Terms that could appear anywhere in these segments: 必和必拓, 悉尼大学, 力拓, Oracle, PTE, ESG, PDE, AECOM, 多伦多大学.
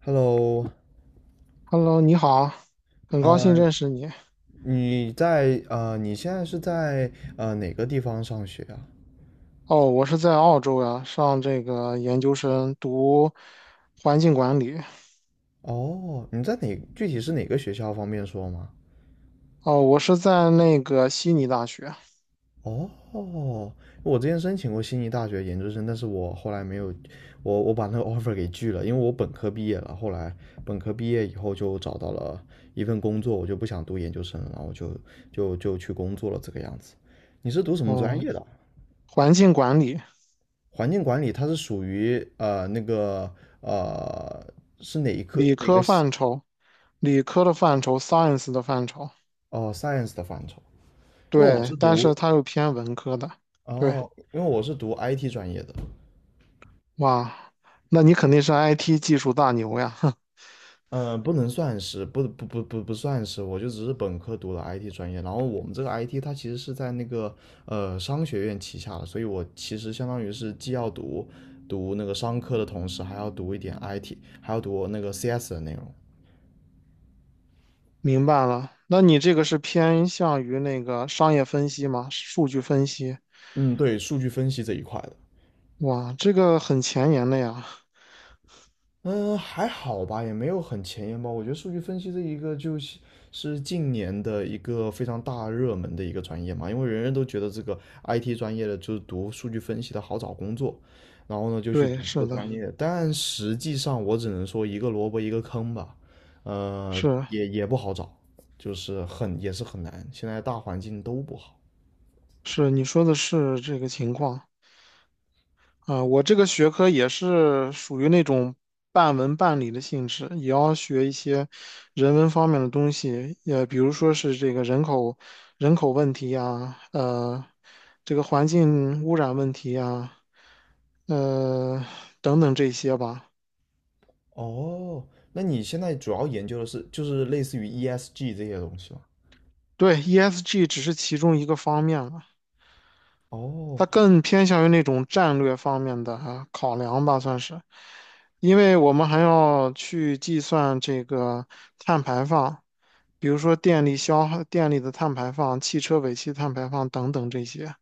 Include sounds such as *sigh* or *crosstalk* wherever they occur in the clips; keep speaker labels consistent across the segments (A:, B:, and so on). A: Hello，
B: Hello，你好，很高兴
A: 呃，
B: 认识你。
A: 你现在是在哪个地方上学啊？
B: 哦，我是在澳洲呀，上这个研究生读环境管理。
A: 哦，你在哪，具体是哪个学校，方便说吗？
B: 哦，我是在那个悉尼大学。
A: 哦，我之前申请过悉尼大学研究生，但是我后来没有，我把那个 *laughs* offer 给拒了，因为我本科毕业了，后来本科毕业以后就找到了一份工作，我就不想读研究生了，然后就去工作了这个样子。你是读什么专
B: 嗯，
A: 业的啊？
B: 环境管理。
A: 环境管理它是属于那个呃是哪一科
B: 理
A: 哪个
B: 科
A: 系？
B: 范畴，理科的范畴，science 的范畴。
A: 哦 science 的范畴？因为我是
B: 对，但是
A: 读
B: 它又偏文科的。对，
A: 哦，因为我是读 IT 专业的。
B: 哇，那你肯定是 IT 技术大牛呀，*laughs*
A: 嗯、不能算是不不不不不算是，我就只是本科读了 IT 专业，然后我们这个 IT 它其实是在那个商学院旗下的，所以我其实相当于是既要读那个商科的同时，还要读一点 IT，还要读那个 CS 的内容。
B: 明白了。那你这个是偏向于那个商业分析吗？数据分析？
A: 嗯，对，数据分析这一块的。
B: 哇，这个很前沿的呀。
A: 嗯，还好吧，也没有很前沿吧。我觉得数据分析这一个就是近年的一个非常大热门的一个专业嘛，因为人人都觉得这个 IT 专业的就是读数据分析的好找工作，然后呢就去读
B: 对，
A: 这个
B: 是的，
A: 专业。但实际上我只能说一个萝卜一个坑吧，呃，
B: 是
A: 也不好找，就是很也是很难，现在大环境都不好。
B: 是，你说的是这个情况。啊，我这个学科也是属于那种半文半理的性质，也要学一些人文方面的东西，也比如说是这个人口问题呀，这个环境污染问题呀，呃，等等这些吧。
A: 哦，那你现在主要研究的是就是类似于 ESG 这些东西吗？
B: 对，ESG 只是其中一个方面了，
A: 哦，
B: 它更偏向于那种战略方面的啊考量吧，算是。因为我们还要去计算这个碳排放，比如说电力消耗、电力的碳排放、汽车尾气碳排放等等这些。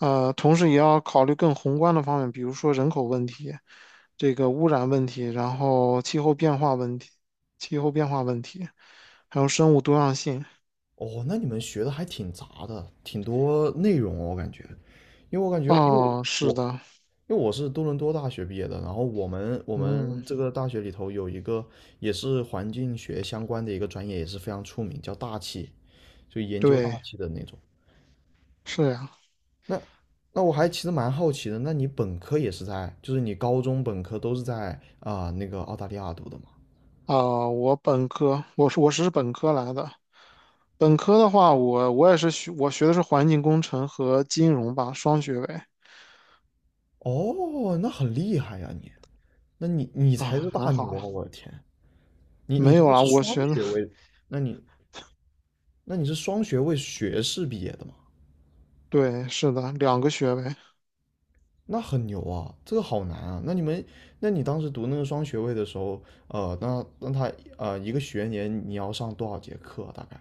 B: 同时也要考虑更宏观的方面，比如说人口问题、这个污染问题，然后气候变化问题、气候变化问题，还有生物多样性。
A: 哦，那你们学的还挺杂的，挺多内容哦，我感觉，因为我感觉，因为
B: 哦，是
A: 我
B: 的。
A: 因为我是多伦多大学毕业的，然后我们我
B: 嗯，
A: 们这个大学里头有一个也是环境学相关的一个专业，也是非常出名，叫大气，就研究大
B: 对，
A: 气的那种。
B: 是呀。
A: 那那我还其实蛮好奇的，那你本科也是在，就是你高中本科都是在啊、那个澳大利亚读的吗？
B: 啊、我本科，我是本科来的。本科的话，我也是学，我学的是环境工程和金融吧，双学位。
A: 哦，那很厉害呀你，那你才是
B: 啊，还
A: 大牛
B: 好。
A: 啊，我的天！你
B: 没有
A: 读的
B: 啊，
A: 是
B: 我
A: 双
B: 学的，
A: 学位，
B: *laughs*
A: 那你那你是双学位学士毕业的吗？
B: 对，是的，两个学位。
A: 那很牛啊，这个好难啊。那你当时读那个双学位的时候，那那他呃一个学年你要上多少节课啊大概？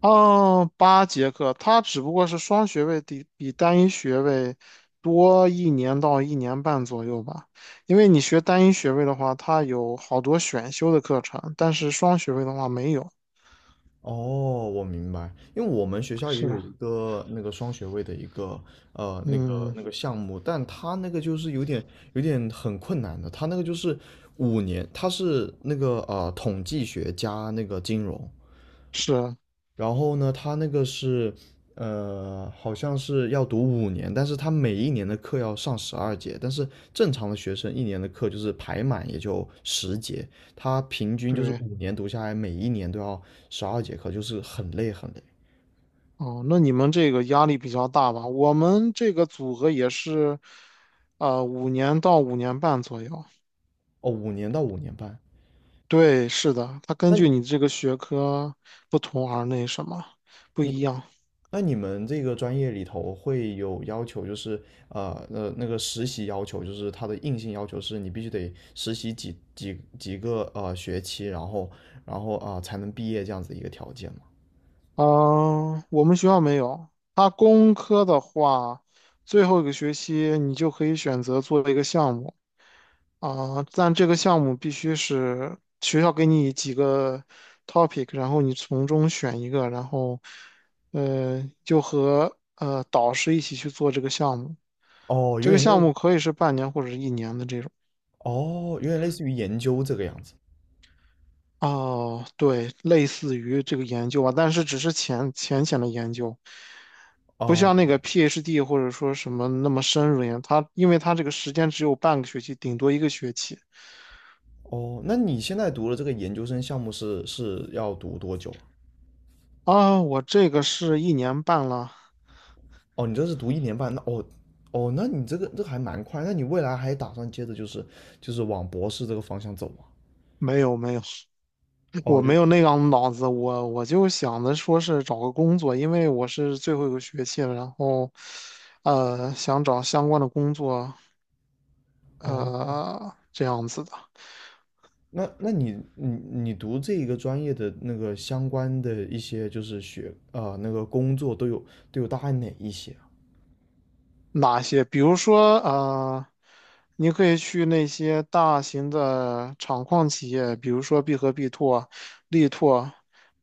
B: 哦，8节课，它只不过是双学位比单一学位多1年到1年半左右吧，因为你学单一学位的话，它有好多选修的课程，但是双学位的话没有。
A: 哦，我明白，因为我们学校也有
B: 是，
A: 一个那个双学位的一个那个
B: 嗯，
A: 那个项目，但他那个就是有点很困难的，他那个就是五年，他是那个统计学加那个金融，
B: 是。
A: 然后呢，他那个是，好像是要读五年，但是他每一年的课要上十二节，但是正常的学生一年的课就是排满也就十节，他平均就是
B: 对，
A: 五年读下来，每一年都要十二节课，就是很累很累。
B: 哦，那你们这个压力比较大吧？我们这个组合也是，5年到5年半左右。
A: 哦，5年到5年半。
B: 对，是的，它根
A: 那
B: 据你这个学科不同而那什么不
A: 你
B: 一样。
A: 那你们这个专业里头会有要求，就是那个实习要求，就是它的硬性要求是你必须得实习几个学期，然后才能毕业这样子的一个条件吗？
B: 嗯、我们学校没有。它工科的话，最后一个学期你就可以选择做一个项目。啊，但这个项目必须是学校给你几个 topic，然后你从中选一个，然后就和导师一起去做这个项目。
A: 哦，
B: 这
A: 有
B: 个
A: 点
B: 项
A: 类，
B: 目可以是半年或者是一年的这种。
A: 哦，有点类似于研究这个样子。
B: 哦，对，类似于这个研究吧，但是只是浅的研究，不
A: 哦
B: 像那个 PhD 或者说什么那么深入研。它因为它这个时间只有半个学期，顶多一个学期。
A: 哦，那你现在读的这个研究生项目是要读多久啊？
B: 啊，我这个是一年半了。
A: 哦，你这是读1年半，那哦哦，那你这个还蛮快，那你未来还打算接着就是往博士这个方向走吗？
B: 没有没有。我
A: 哦，
B: 没有那样的脑子，我就想着说是找个工作，因为我是最后一个学期了，然后，想找相关的工作，
A: 哦，
B: 这样子的。
A: 那你读这一个专业的那个相关的一些就是那个工作都有大概哪一些啊？
B: 哪些？比如说，你可以去那些大型的厂矿企业，比如说必和必拓、力拓，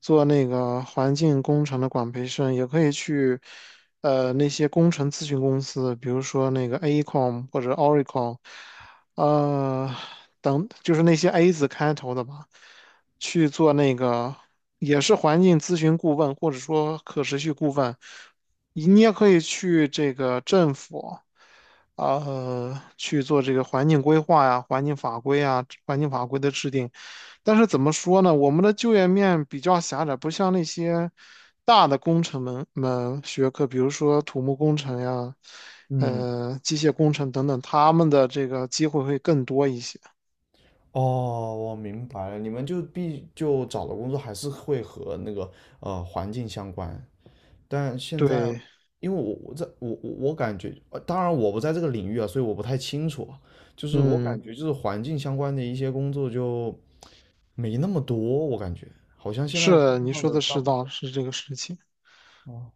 B: 做那个环境工程的管培生，也可以去，那些工程咨询公司，比如说那个 AECOM 或者 Oracle。呃，等就是那些 A 字开头的吧，去做那个也是环境咨询顾问，或者说可持续顾问。你也可以去这个政府。去做这个环境规划呀、环境法规啊、环境法规的制定。但是怎么说呢？我们的就业面比较狭窄，不像那些大的工程门学科，比如说土木工程呀、
A: 嗯，
B: 机械工程等等，他们的这个机会会更多一些。
A: 哦，我明白了，你们就找的工作还是会和那个环境相关，但现在
B: 对，
A: 因为我感觉，当然我不在这个领域啊，所以我不太清楚啊就是我
B: 嗯，
A: 感觉就是环境相关的一些工作就没那么多，我感觉好像现在世界
B: 是你
A: 上
B: 说
A: 的
B: 的
A: 大
B: 是
A: 部
B: 道，
A: 分
B: 是这个事情。
A: 啊。哦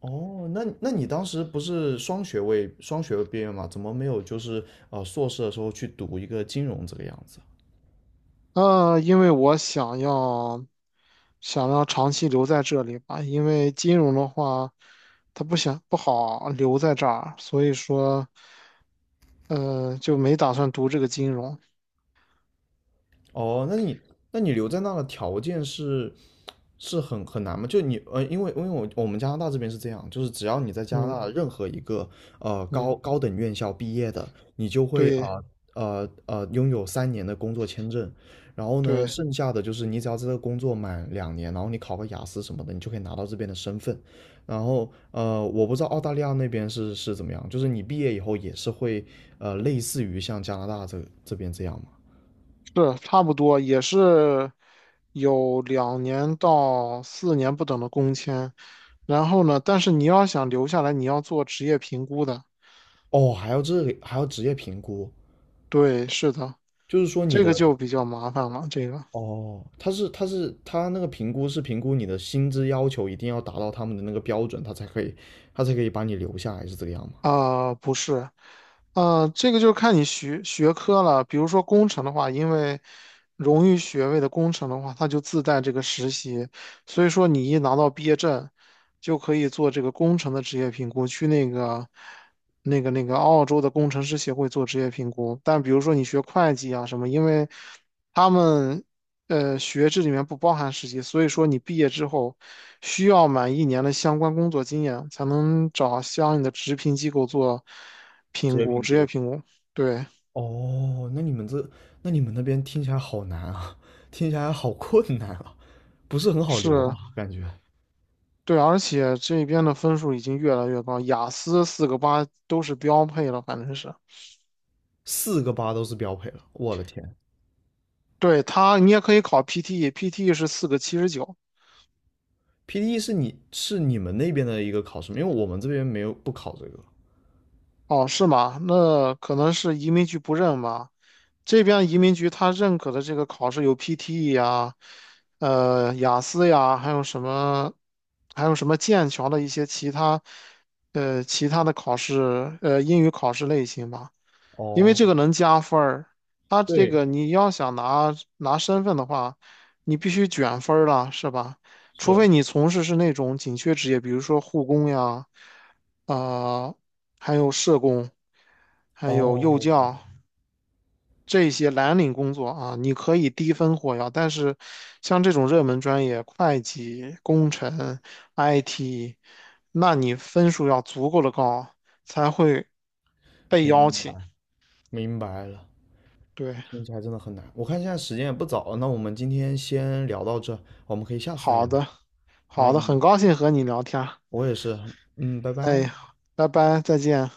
A: 哦，那你当时不是双学位毕业吗？怎么没有就是硕士的时候去读一个金融这个样子？
B: 因为我想要长期留在这里吧，因为金融的话，他不想不好留在这儿，所以说，就没打算读这个金融。
A: 哦，那你留在那的条件是很难吗？因为我们加拿大这边是这样，就是只要你在加拿
B: 嗯
A: 大任何一个
B: 嗯，
A: 高等院校毕业的，你就会啊
B: 对
A: 呃拥有3年的工作签证，然后呢，
B: 对，
A: 剩下的就是你只要在这个工作满2年，然后你考个雅思什么的，你就可以拿到这边的身份。然后我不知道澳大利亚那边是怎么样，就是你毕业以后也是会类似于像加拿大这边这样吗？
B: 是差不多，也是有2年到4年不等的工签。然后呢，但是你要想留下来，你要做职业评估的。
A: 哦，还要职业评估，
B: 对，是的，
A: 就是说你
B: 这个
A: 的
B: 就比较麻烦了，这个。
A: 哦，他那个评估是评估你的薪资要求一定要达到他们的那个标准，他才可以把你留下来，是这个样吗？
B: 不是。这个就是看你学科了。比如说工程的话，因为荣誉学位的工程的话，它就自带这个实习，所以说你一拿到毕业证，就可以做这个工程的职业评估，去那个澳洲的工程师协会做职业评估。但比如说你学会计啊什么，因为他们学制里面不包含实习，所以说你毕业之后需要满一年的相关工作经验，才能找相应的职评机构做
A: 职
B: 评
A: 业
B: 估，
A: 评
B: 职业
A: 估。
B: 评估。对，
A: 哦，那你们那边听起来好难啊，听起来好困难啊，不是很好留啊，
B: 是，
A: 感觉
B: 对，而且这边的分数已经越来越高，雅思四个八都是标配了，反正是。
A: 4个8都是标配了，我的天
B: 对，它，你也可以考 PTE，PTE 是四个七十九。
A: ！PDE 是你们那边的一个考试吗？因为我们这边没有不考这个。
B: 哦，是吗？那可能是移民局不认吧。这边移民局他认可的这个考试有 PTE 呀，雅思呀，还有什么，还有什么剑桥的一些其他，其他的考试，英语考试类型吧。因为
A: 哦，
B: 这个能加分儿，他这
A: 对，
B: 个你要想拿身份的话，你必须卷分儿了，是吧？除
A: 是，
B: 非你从事是那种紧缺职业，比如说护工呀，啊、还有社工，还有幼
A: 哦，
B: 教。这些蓝领工作啊，你可以低分获邀，但是像这种热门专业，会计、工程、IT，那你分数要足够的高，才会被邀
A: 明
B: 请。
A: 白明白了。
B: 对，
A: 听起来真的很难。我看现在时间也不早了，那我们今天先聊到这，我们可以下次再
B: 好
A: 聊。
B: 的，
A: 好，
B: 好的，
A: 嗯，
B: 很高兴和你聊天儿，
A: 我也是，嗯，拜拜。
B: 哎，拜拜，再见。